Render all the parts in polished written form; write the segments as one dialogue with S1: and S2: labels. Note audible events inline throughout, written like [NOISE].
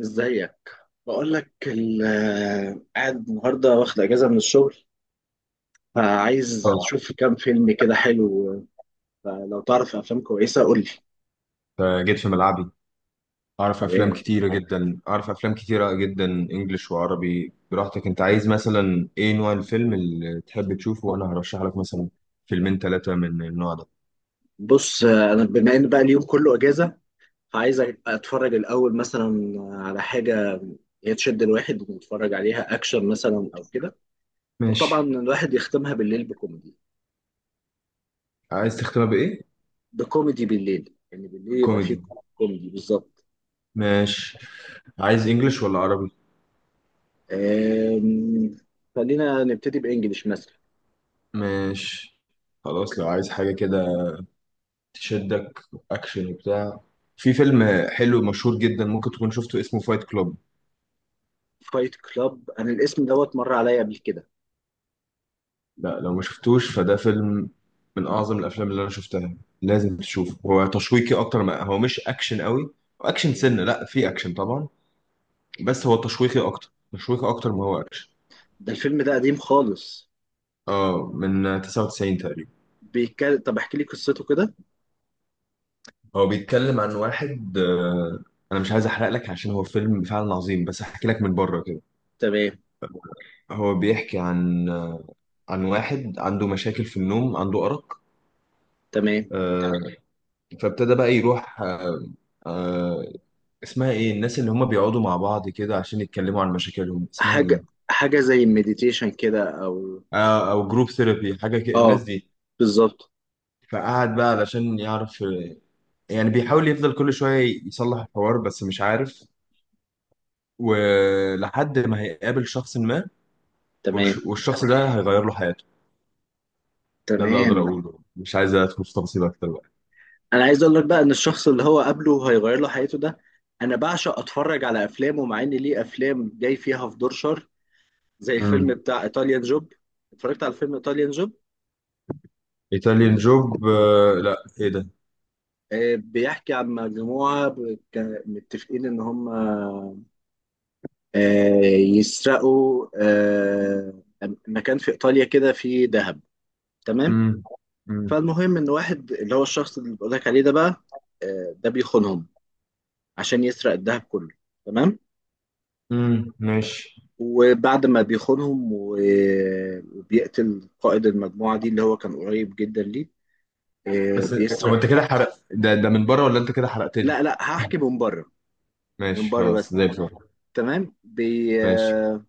S1: ازيك. بقول لك قاعد النهارده واخد اجازه من الشغل، فعايز
S2: اه.
S1: اشوف كام فيلم كده حلو. فلو تعرف افلام كويسه قول لي.
S2: فجيت في ملعبي. اعرف افلام
S1: تمام.
S2: كتيره جدا اعرف افلام كتيره جدا انجليش وعربي، براحتك. انت عايز مثلا ايه نوع الفيلم اللي تحب تشوفه؟ وانا هرشح لك مثلا فيلمين ثلاثه من النوع ده.
S1: بص انا بما ان بقى اليوم كله اجازه، فعايز اتفرج الاول مثلا على حاجه هي تشد الواحد، ونتفرج عليها اكشن مثلا او كده. وطبعا
S2: ماشي.
S1: الواحد يختمها بالليل بكوميدي.
S2: عايز تختمها بايه؟
S1: بكوميدي بالليل، يعني بالليل يبقى فيه
S2: كوميدي.
S1: كوميدي بالظبط.
S2: ماشي. عايز انجليش ولا عربي؟
S1: أم، خلينا نبتدي بانجلش مثلا.
S2: ماشي خلاص. لو عايز حاجه كده تشدك، اكشن وبتاع، في فيلم حلو مشهور جدا ممكن تكون شفته اسمه فايت كلوب.
S1: فايت كلاب، انا الاسم دوت مر عليا قبل كده.
S2: لا لو ما شفتوش فده فيلم من اعظم الافلام اللي انا شفتها. لازم تشوفه، هو تشويقي اكتر ما هو، مش اكشن قوي. اكشن
S1: تمام.
S2: سنه لا، في اكشن طبعا. بس هو تشويقي اكتر، ما هو اكشن.
S1: ده الفيلم ده قديم خالص،
S2: اه، من 99 تقريبا.
S1: بيتكلم؟ طب احكي لي قصته كده.
S2: هو بيتكلم عن واحد. انا مش عايز احرق لك عشان هو فيلم فعلا عظيم، بس احكي لك من بره كده.
S1: تمام.
S2: هو بيحكي عن واحد عنده مشاكل في النوم، عنده ارق.
S1: تمام.
S2: آه، فابتدى بقى يروح. آه، اسمها ايه الناس اللي هم بيقعدوا مع بعض كده عشان يتكلموا عن مشاكلهم؟ اسمها ايه؟
S1: حاجه حاجه زي المديتيشن كده، او
S2: او جروب ثيرابي حاجه كده الناس
S1: اه
S2: دي.
S1: بالظبط.
S2: فقعد بقى علشان يعرف، يعني بيحاول يفضل كل شويه يصلح الحوار بس مش عارف، ولحد ما هيقابل شخص ما.
S1: تمام.
S2: والشخص ده هيغير له حياته. ده اللي اقدر
S1: تمام.
S2: اقوله، مش عايز ادخل في تفاصيل اكتر بقى.
S1: انا عايز اقول لك بقى ان الشخص اللي هو قابله هيغير له حياته ده، انا بعشق اتفرج على افلامه، مع ان ليه افلام جاي فيها في دور شر، زي الفيلم
S2: امم.
S1: بتاع ايطاليان جوب. اتفرجت على فيلم ايطاليان جوب.
S2: ايطاليان جوب؟ لا، ايه ده؟
S1: بيحكي عن مجموعة كان متفقين إن هم آه، يسرقوا مكان في إيطاليا كده فيه ذهب. تمام.
S2: امم امم
S1: فالمهم إن واحد اللي هو الشخص اللي بقول لك عليه ده بقى، ده بيخونهم عشان يسرق الذهب كله. تمام.
S2: امم. ماشي.
S1: وبعد ما بيخونهم وبيقتل قائد المجموعة دي اللي هو كان قريب جدا ليه،
S2: بس هو
S1: بيسرق.
S2: انت كده حرق؟ ده من بره، ولا انت كده حرقت لي؟
S1: لا لا، هحكي من بره. من
S2: ماشي
S1: بره
S2: خلاص
S1: بس.
S2: زي الفل.
S1: تمام بي
S2: ماشي.
S1: آه،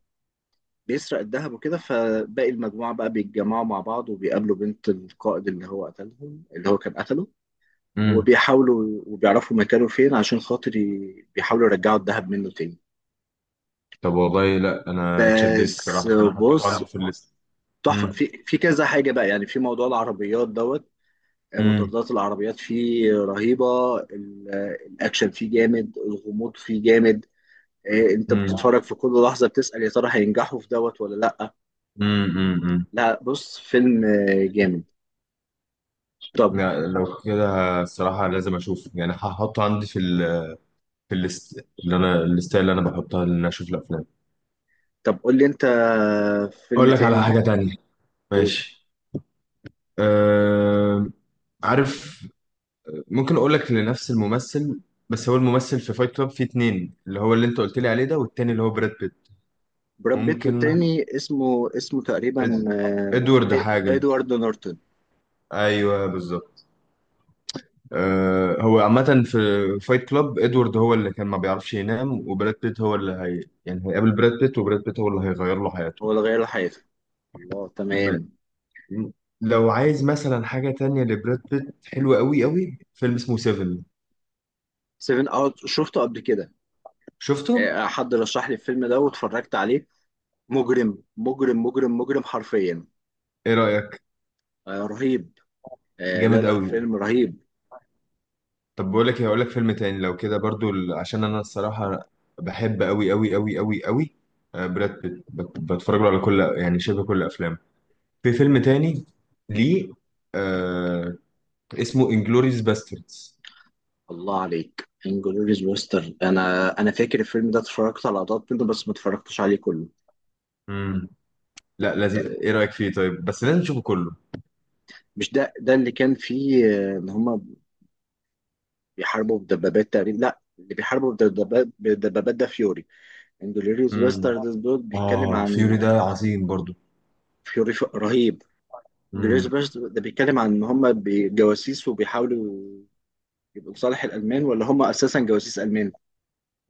S1: بيسرق الذهب وكده. فباقي المجموعة بقى بيتجمعوا مع بعض، وبيقابلوا بنت القائد اللي هو قتلهم اللي هو كان قتله،
S2: امم.
S1: وبيحاولوا وبيعرفوا مكانه فين، عشان خاطر بيحاولوا يرجعوا الذهب منه تاني.
S2: طب والله، لا انا اتشددت
S1: بس
S2: الصراحه، انا حطيته
S1: بص،
S2: عندي في الليست.
S1: تحفة
S2: امم
S1: في كذا حاجة بقى، يعني في موضوع العربيات دوت،
S2: امم
S1: مطاردات العربيات فيه رهيبة، الأكشن فيه جامد، الغموض فيه جامد. إيه، انت
S2: امم
S1: بتتفرج في كل لحظة، بتسأل يا ترى هينجحوا في دوت ولا لأ.
S2: امم امم.
S1: لا بص، فيلم جامد. طب.
S2: لا لو كده، الصراحه لازم اشوف، يعني هحطه عندي في ال... في الليست اللي انا، بحطها ان أنا اشوف الافلام.
S1: طب قول لي انت، فيلم
S2: اقول لك على
S1: تاني.
S2: حاجه تانية؟
S1: قول.
S2: ماشي. أه... عارف، ممكن اقول لك لنفس الممثل؟ بس هو الممثل في فايت كلاب في اتنين، اللي هو اللي انت قلت لي عليه ده، والتاني اللي هو براد بيت.
S1: براد بيت،
S2: ممكن
S1: والتاني اسمه
S2: إد...
S1: تقريبا
S2: ادوارد حاجه.
S1: ادوارد نورتون.
S2: ايوه بالظبط. أه، هو عامة في فايت كلاب ادوارد هو اللي كان ما بيعرفش ينام، وبراد بيت هو اللي هي يعني هيقابل براد بيت، وبراد بيت هو اللي هيغير له حياته.
S1: هو اللي غير حياته. الله،
S2: ما...
S1: تمام.
S2: لو عايز مثلا حاجة تانية لبراد بيت حلوة قوي قوي، فيلم اسمه سيفن.
S1: سيفن اوت شفته قبل كده.
S2: شفته؟
S1: حد رشح لي الفيلم ده واتفرجت عليه. مجرم مجرم مجرم مجرم حرفيا.
S2: ايه رأيك؟
S1: رهيب. لا
S2: جامد
S1: لا،
S2: قوي.
S1: فيلم رهيب.
S2: طب بقول لك إيه، هقول لك فيلم تاني لو كده برضو، عشان انا الصراحة بحب قوي قوي قوي قوي قوي براد بيت، بتفرج له على كل يعني شبه كل افلامه. في فيلم تاني ليه آه، اسمه انجلوريوس باستردز.
S1: الله عليك، انجلوريز بوستر، انا فاكر الفيلم ده، اتفرجت على لقطات منه بس ما اتفرجتش عليه كله.
S2: امم. لا لازم،
S1: آه،
S2: ايه رايك فيه؟ طيب بس لازم نشوفه كله.
S1: مش ده ده اللي كان فيه ان هما بيحاربوا بدبابات تقريبا؟ لا، اللي بيحاربوا بدبابات بدبابات ده فيوري. انجلوريوس
S2: امم.
S1: باسترد دول بيتكلم
S2: اه،
S1: عن
S2: فيوري ده عظيم برضو.
S1: فيوري. رهيب. انجلوريوس
S2: امم.
S1: باسترد ده بيتكلم عن ان هم جواسيس، وبيحاولوا يبقوا لصالح الالمان، ولا هم اساسا جواسيس المان.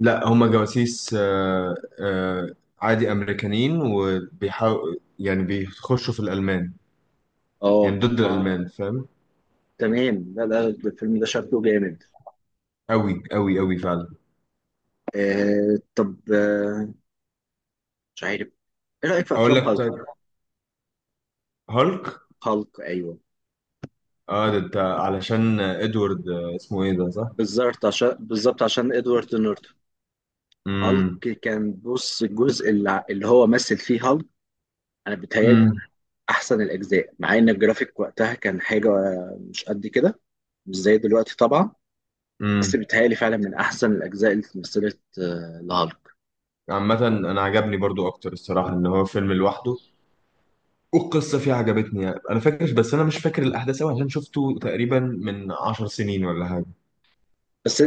S2: لا، هما جواسيس. آه عادي، امريكانيين، وبيحاول يعني بيخشوا في الالمان، يعني
S1: اه
S2: ضد الالمان، فاهم؟
S1: تمام. لا لا، ده الفيلم ده شكله جامد.
S2: قوي قوي قوي فعلا.
S1: طب آه، مش عارف. ايه رايك في
S2: اقول
S1: افلام
S2: لك
S1: هالك؟
S2: طيب. هالك؟
S1: هالك، ايوه.
S2: اه، ده انت علشان ادوارد اسمه ايه ده؟ صح.
S1: بالظبط، عشان ادوارد نورتون. هالك،
S2: امم
S1: كان بص الجزء اللي هو مثل فيه هالك، انا بتهيألي
S2: امم
S1: احسن الاجزاء، مع ان الجرافيك وقتها كان حاجه مش قد كده، مش زي دلوقتي طبعا. بس
S2: امم.
S1: بيتهيألي فعلا من احسن الاجزاء اللي اتمثلت لهالك.
S2: عامة انا عجبني برضو اكتر الصراحة ان هو فيلم لوحده، والقصه فيه عجبتني، يعني انا فاكر بس انا مش فاكر الاحداث قوي عشان شفته تقريبا من 10 سنين ولا حاجه.
S1: بس
S2: ف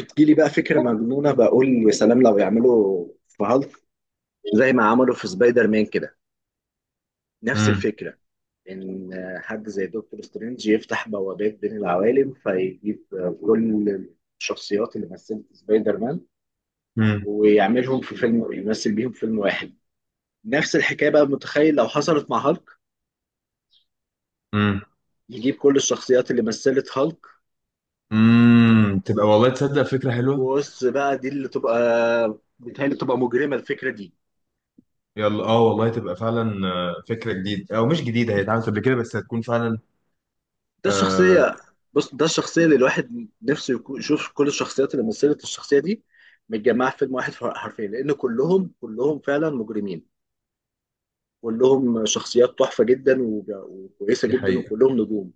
S1: بتجيلي بقى فكره مجنونه، بقول يا سلام لو يعملوا في هالك زي ما عملوا في سبايدر مان كده. نفس
S2: امم
S1: الفكره، ان حد زي دكتور سترينج يفتح بوابات بين العوالم فيجيب كل الشخصيات اللي مثلت سبايدر مان،
S2: امم
S1: ويعملهم في فيلم، يمثل بيهم فيلم واحد. نفس الحكايه بقى، متخيل لو حصلت مع هالك،
S2: امم
S1: يجيب كل الشخصيات اللي مثلت هالك.
S2: امم. تبقى والله، تصدق فكره حلوه.
S1: بص بقى، دي اللي تبقى بيتهيألي تبقى مجرمة الفكرة دي.
S2: يلا اه والله تبقى فعلا فكره جديده، او مش جديده، هي اتعملت قبل كده بس هتكون فعلا.
S1: ده الشخصية،
S2: آه.
S1: بص ده الشخصية اللي الواحد نفسه يشوف كل الشخصيات اللي مثلت الشخصية دي متجمعة في فيلم واحد حرفيا، لأن كلهم كلهم فعلا مجرمين، كلهم شخصيات تحفة جدا وكويسة
S2: دي
S1: جدا،
S2: حقيقه.
S1: وكلهم نجوم.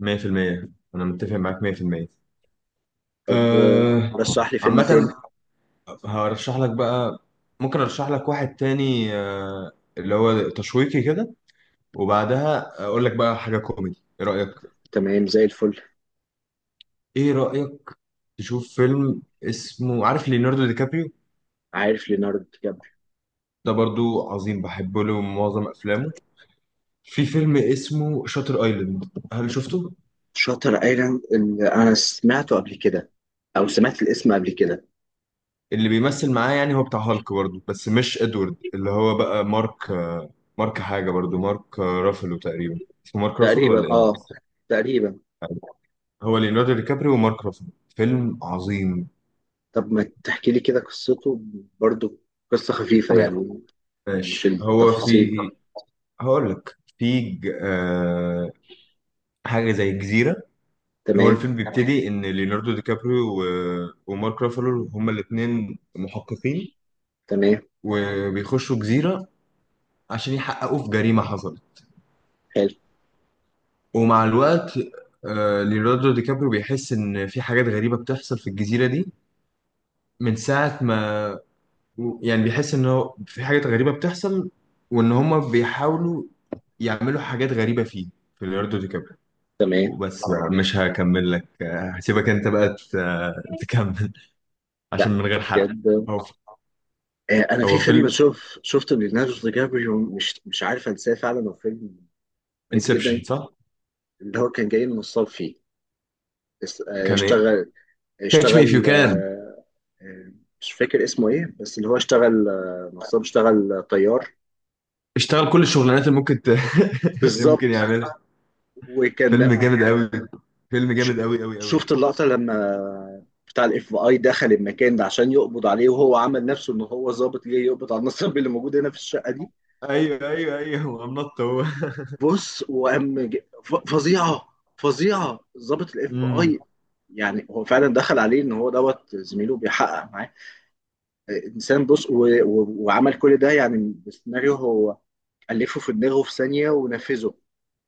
S2: 100%. انا متفق معاك 100%.
S1: طب
S2: آه.
S1: رشح لي فيلم
S2: عامه
S1: تاني.
S2: هرشح لك بقى. ممكن ارشح لك واحد تاني اللي هو تشويقي كده، وبعدها اقول لك بقى حاجه كوميدي. ايه رايك؟
S1: تمام، زي الفل.
S2: ايه رايك تشوف فيلم اسمه، عارف ليوناردو دي كابريو؟
S1: عارف ليوناردو دي كابريو؟
S2: ده برضو عظيم، بحب له معظم افلامه. في فيلم اسمه شاتر ايلاند، هل شفته؟
S1: شاتر ايلاند؟ اللي انا سمعته قبل كده، او سمعت الاسم قبل كده.
S2: اللي بيمثل معاه يعني هو بتاع هالك برضو بس مش ادوارد، اللي هو بقى مارك. مارك حاجه، برضو مارك رافلو تقريبا. اسمه مارك رافلو ولا
S1: تقريبا،
S2: ايه؟
S1: اه، تقريبا.
S2: هو ليوناردو دي كابريو ومارك رافلو. فيلم عظيم.
S1: طب ما تحكي لي كده قصته برضو، قصة خفيفة يعني، مش
S2: ماشي، هو
S1: التفاصيل.
S2: في، هقول لك في حاجه زي الجزيره. هو
S1: تمام.
S2: الفيلم تمام بيبتدي ان ليوناردو دي كابريو و... ومارك رافالو هما الاثنين محققين،
S1: تمام.
S2: وبيخشوا جزيره عشان يحققوا في جريمه حصلت.
S1: حلو.
S2: ومع الوقت ليوناردو دي كابريو بيحس ان في حاجات غريبه بتحصل في الجزيره دي من ساعه ما، يعني بيحس ان هو في حاجات غريبه بتحصل، وان هما بيحاولوا يعملوا حاجات غريبه فيه، في ليوناردو دي كابريو.
S1: تمام.
S2: وبس طبعا بقى تمام، مش هكمل لك، هسيبك انت بقى تكمل، عشان
S1: لا
S2: من غير حرق.
S1: بجد.
S2: هو
S1: آه، انا في
S2: هو
S1: فيلم
S2: فيلم
S1: شوف شفته ليوناردو دي كابريو مش عارف انساه، فعلا هو فيلم غريب
S2: انسبشن،
S1: جدا.
S2: صح؟
S1: اللي هو كان جاي من الصال فيه، اس- آه،
S2: كان ايه؟
S1: اشتغل
S2: كاتش مي اف يو
S1: اشتغل
S2: كان.
S1: آه، آه، مش فاكر اسمه ايه، بس اللي هو اشتغل نصاب، اشتغل طيار.
S2: اشتغل كل الشغلانات اللي ممكن [LAUGHS] ممكن
S1: بالظبط
S2: يعملها.
S1: وكان
S2: فيلم جامد قوي. فيلم
S1: ش-
S2: جامد قوي قوي قوي.
S1: شفت اللقطة لما بتاع الFBI دخل المكان ده عشان يقبض عليه، وهو عمل نفسه ان هو ظابط جاي يقبض على النصاب اللي موجود هنا في الشقة دي.
S2: ايوه، ايوه، ايوه، هو نط هو.
S1: بص، وقام فظيعة، فظيعة ظابط الاف بي
S2: امم.
S1: اي يعني هو فعلا دخل عليه ان هو دوت زميله بيحقق معاه. انسان، بص، وعمل كل ده يعني بسيناريو هو ألفه في دماغه في ثانية ونفذه.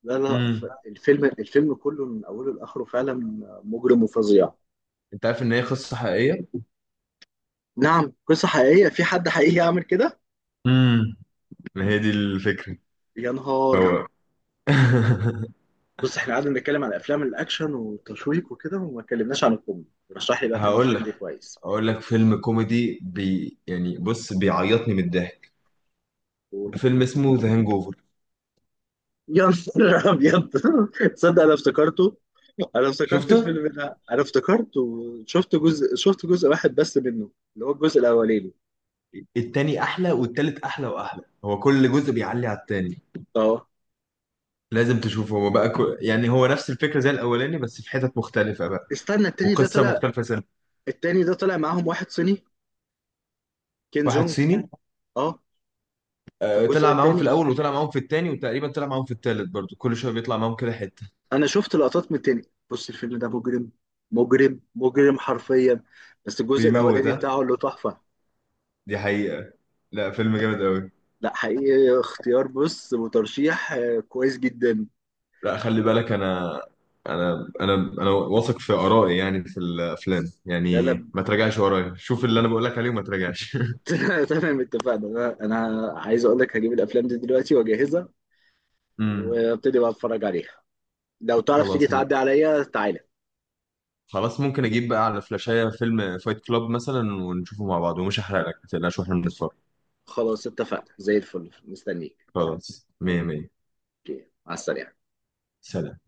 S1: لا لا،
S2: امم.
S1: الفيلم كله من أوله لآخره فعلا مجرم وفظيع.
S2: انت عارف ان هي قصه حقيقيه؟
S1: نعم، قصة حقيقية، في حد حقيقي يعمل كده؟
S2: امم. ما هي دي الفكره.
S1: يا نهار.
S2: فهو [LAUGHS]
S1: بص احنا قعدنا نتكلم عن افلام الاكشن والتشويق وكده، وما اتكلمناش عن الكوميدي. رشح لي بقى فيلم
S2: هقول
S1: كوميدي
S2: لك
S1: كويس.
S2: هقول لك فيلم كوميدي، يعني بص، بيعيطني من الضحك.
S1: قول.
S2: فيلم اسمه ذا هانج اوفر.
S1: يا نهار ابيض. [LAUGHS] تصدق انا افتكرته، انا افتكرت
S2: شفته؟
S1: الفيلم ده، انا افتكرته. شفت جزء واحد بس منه، اللي هو الجزء الاولاني.
S2: التاني احلى والتالت احلى، واحلى، هو كل جزء بيعلي على التاني.
S1: اه.
S2: لازم تشوفه، هو بقى يعني هو نفس الفكره زي الاولاني بس في حتت مختلفه بقى،
S1: استنى، التاني ده
S2: وقصه
S1: طلع.
S2: مختلفه سنة.
S1: التاني ده طلع معاهم واحد صيني، كين
S2: واحد
S1: جونج.
S2: صيني.
S1: اه، في الجزء
S2: طلع معاهم في
S1: التاني
S2: الاول وطلع معاهم في التاني، وتقريبا طلع معاهم في التالت برضو، كل شويه بيطلع معاهم كده حته.
S1: انا شفت لقطات من التاني. بص الفيلم ده مجرم مجرم مجرم حرفيا، بس الجزء
S2: بيموت،
S1: الاولاني
S2: ها.
S1: بتاعه اللي تحفه.
S2: دي حقيقه. لا، فيلم جامد قوي.
S1: لا حقيقي، اختيار بص وترشيح كويس جدا.
S2: لا خلي بالك، انا انا واثق في ارائي، يعني في الافلام،
S1: لا
S2: يعني
S1: لا.
S2: ما تراجعش ورايا، شوف اللي انا بقول لك عليه وما تراجعش.
S1: [LAUGHS] تمام، اتفقنا. انا عايز اقول لك هجيب الافلام دي دلوقتي واجهزها،
S2: [LAUGHS] امم.
S1: وابتدي بقى اتفرج عليها. لو تعرف تيجي
S2: خلاص.
S1: تعدي عليا، تعالى.
S2: خلاص، ممكن اجيب بقى على فلاشايه فيلم فايت كلاب مثلا، ونشوفه مع بعض، ومش هحرق لك ما تقلقش واحنا بنتفرج.
S1: خلاص اتفقنا، زي الفل، مستنيك.
S2: خلاص، مية مية.
S1: اوكي، مع السلامه.
S2: سلام.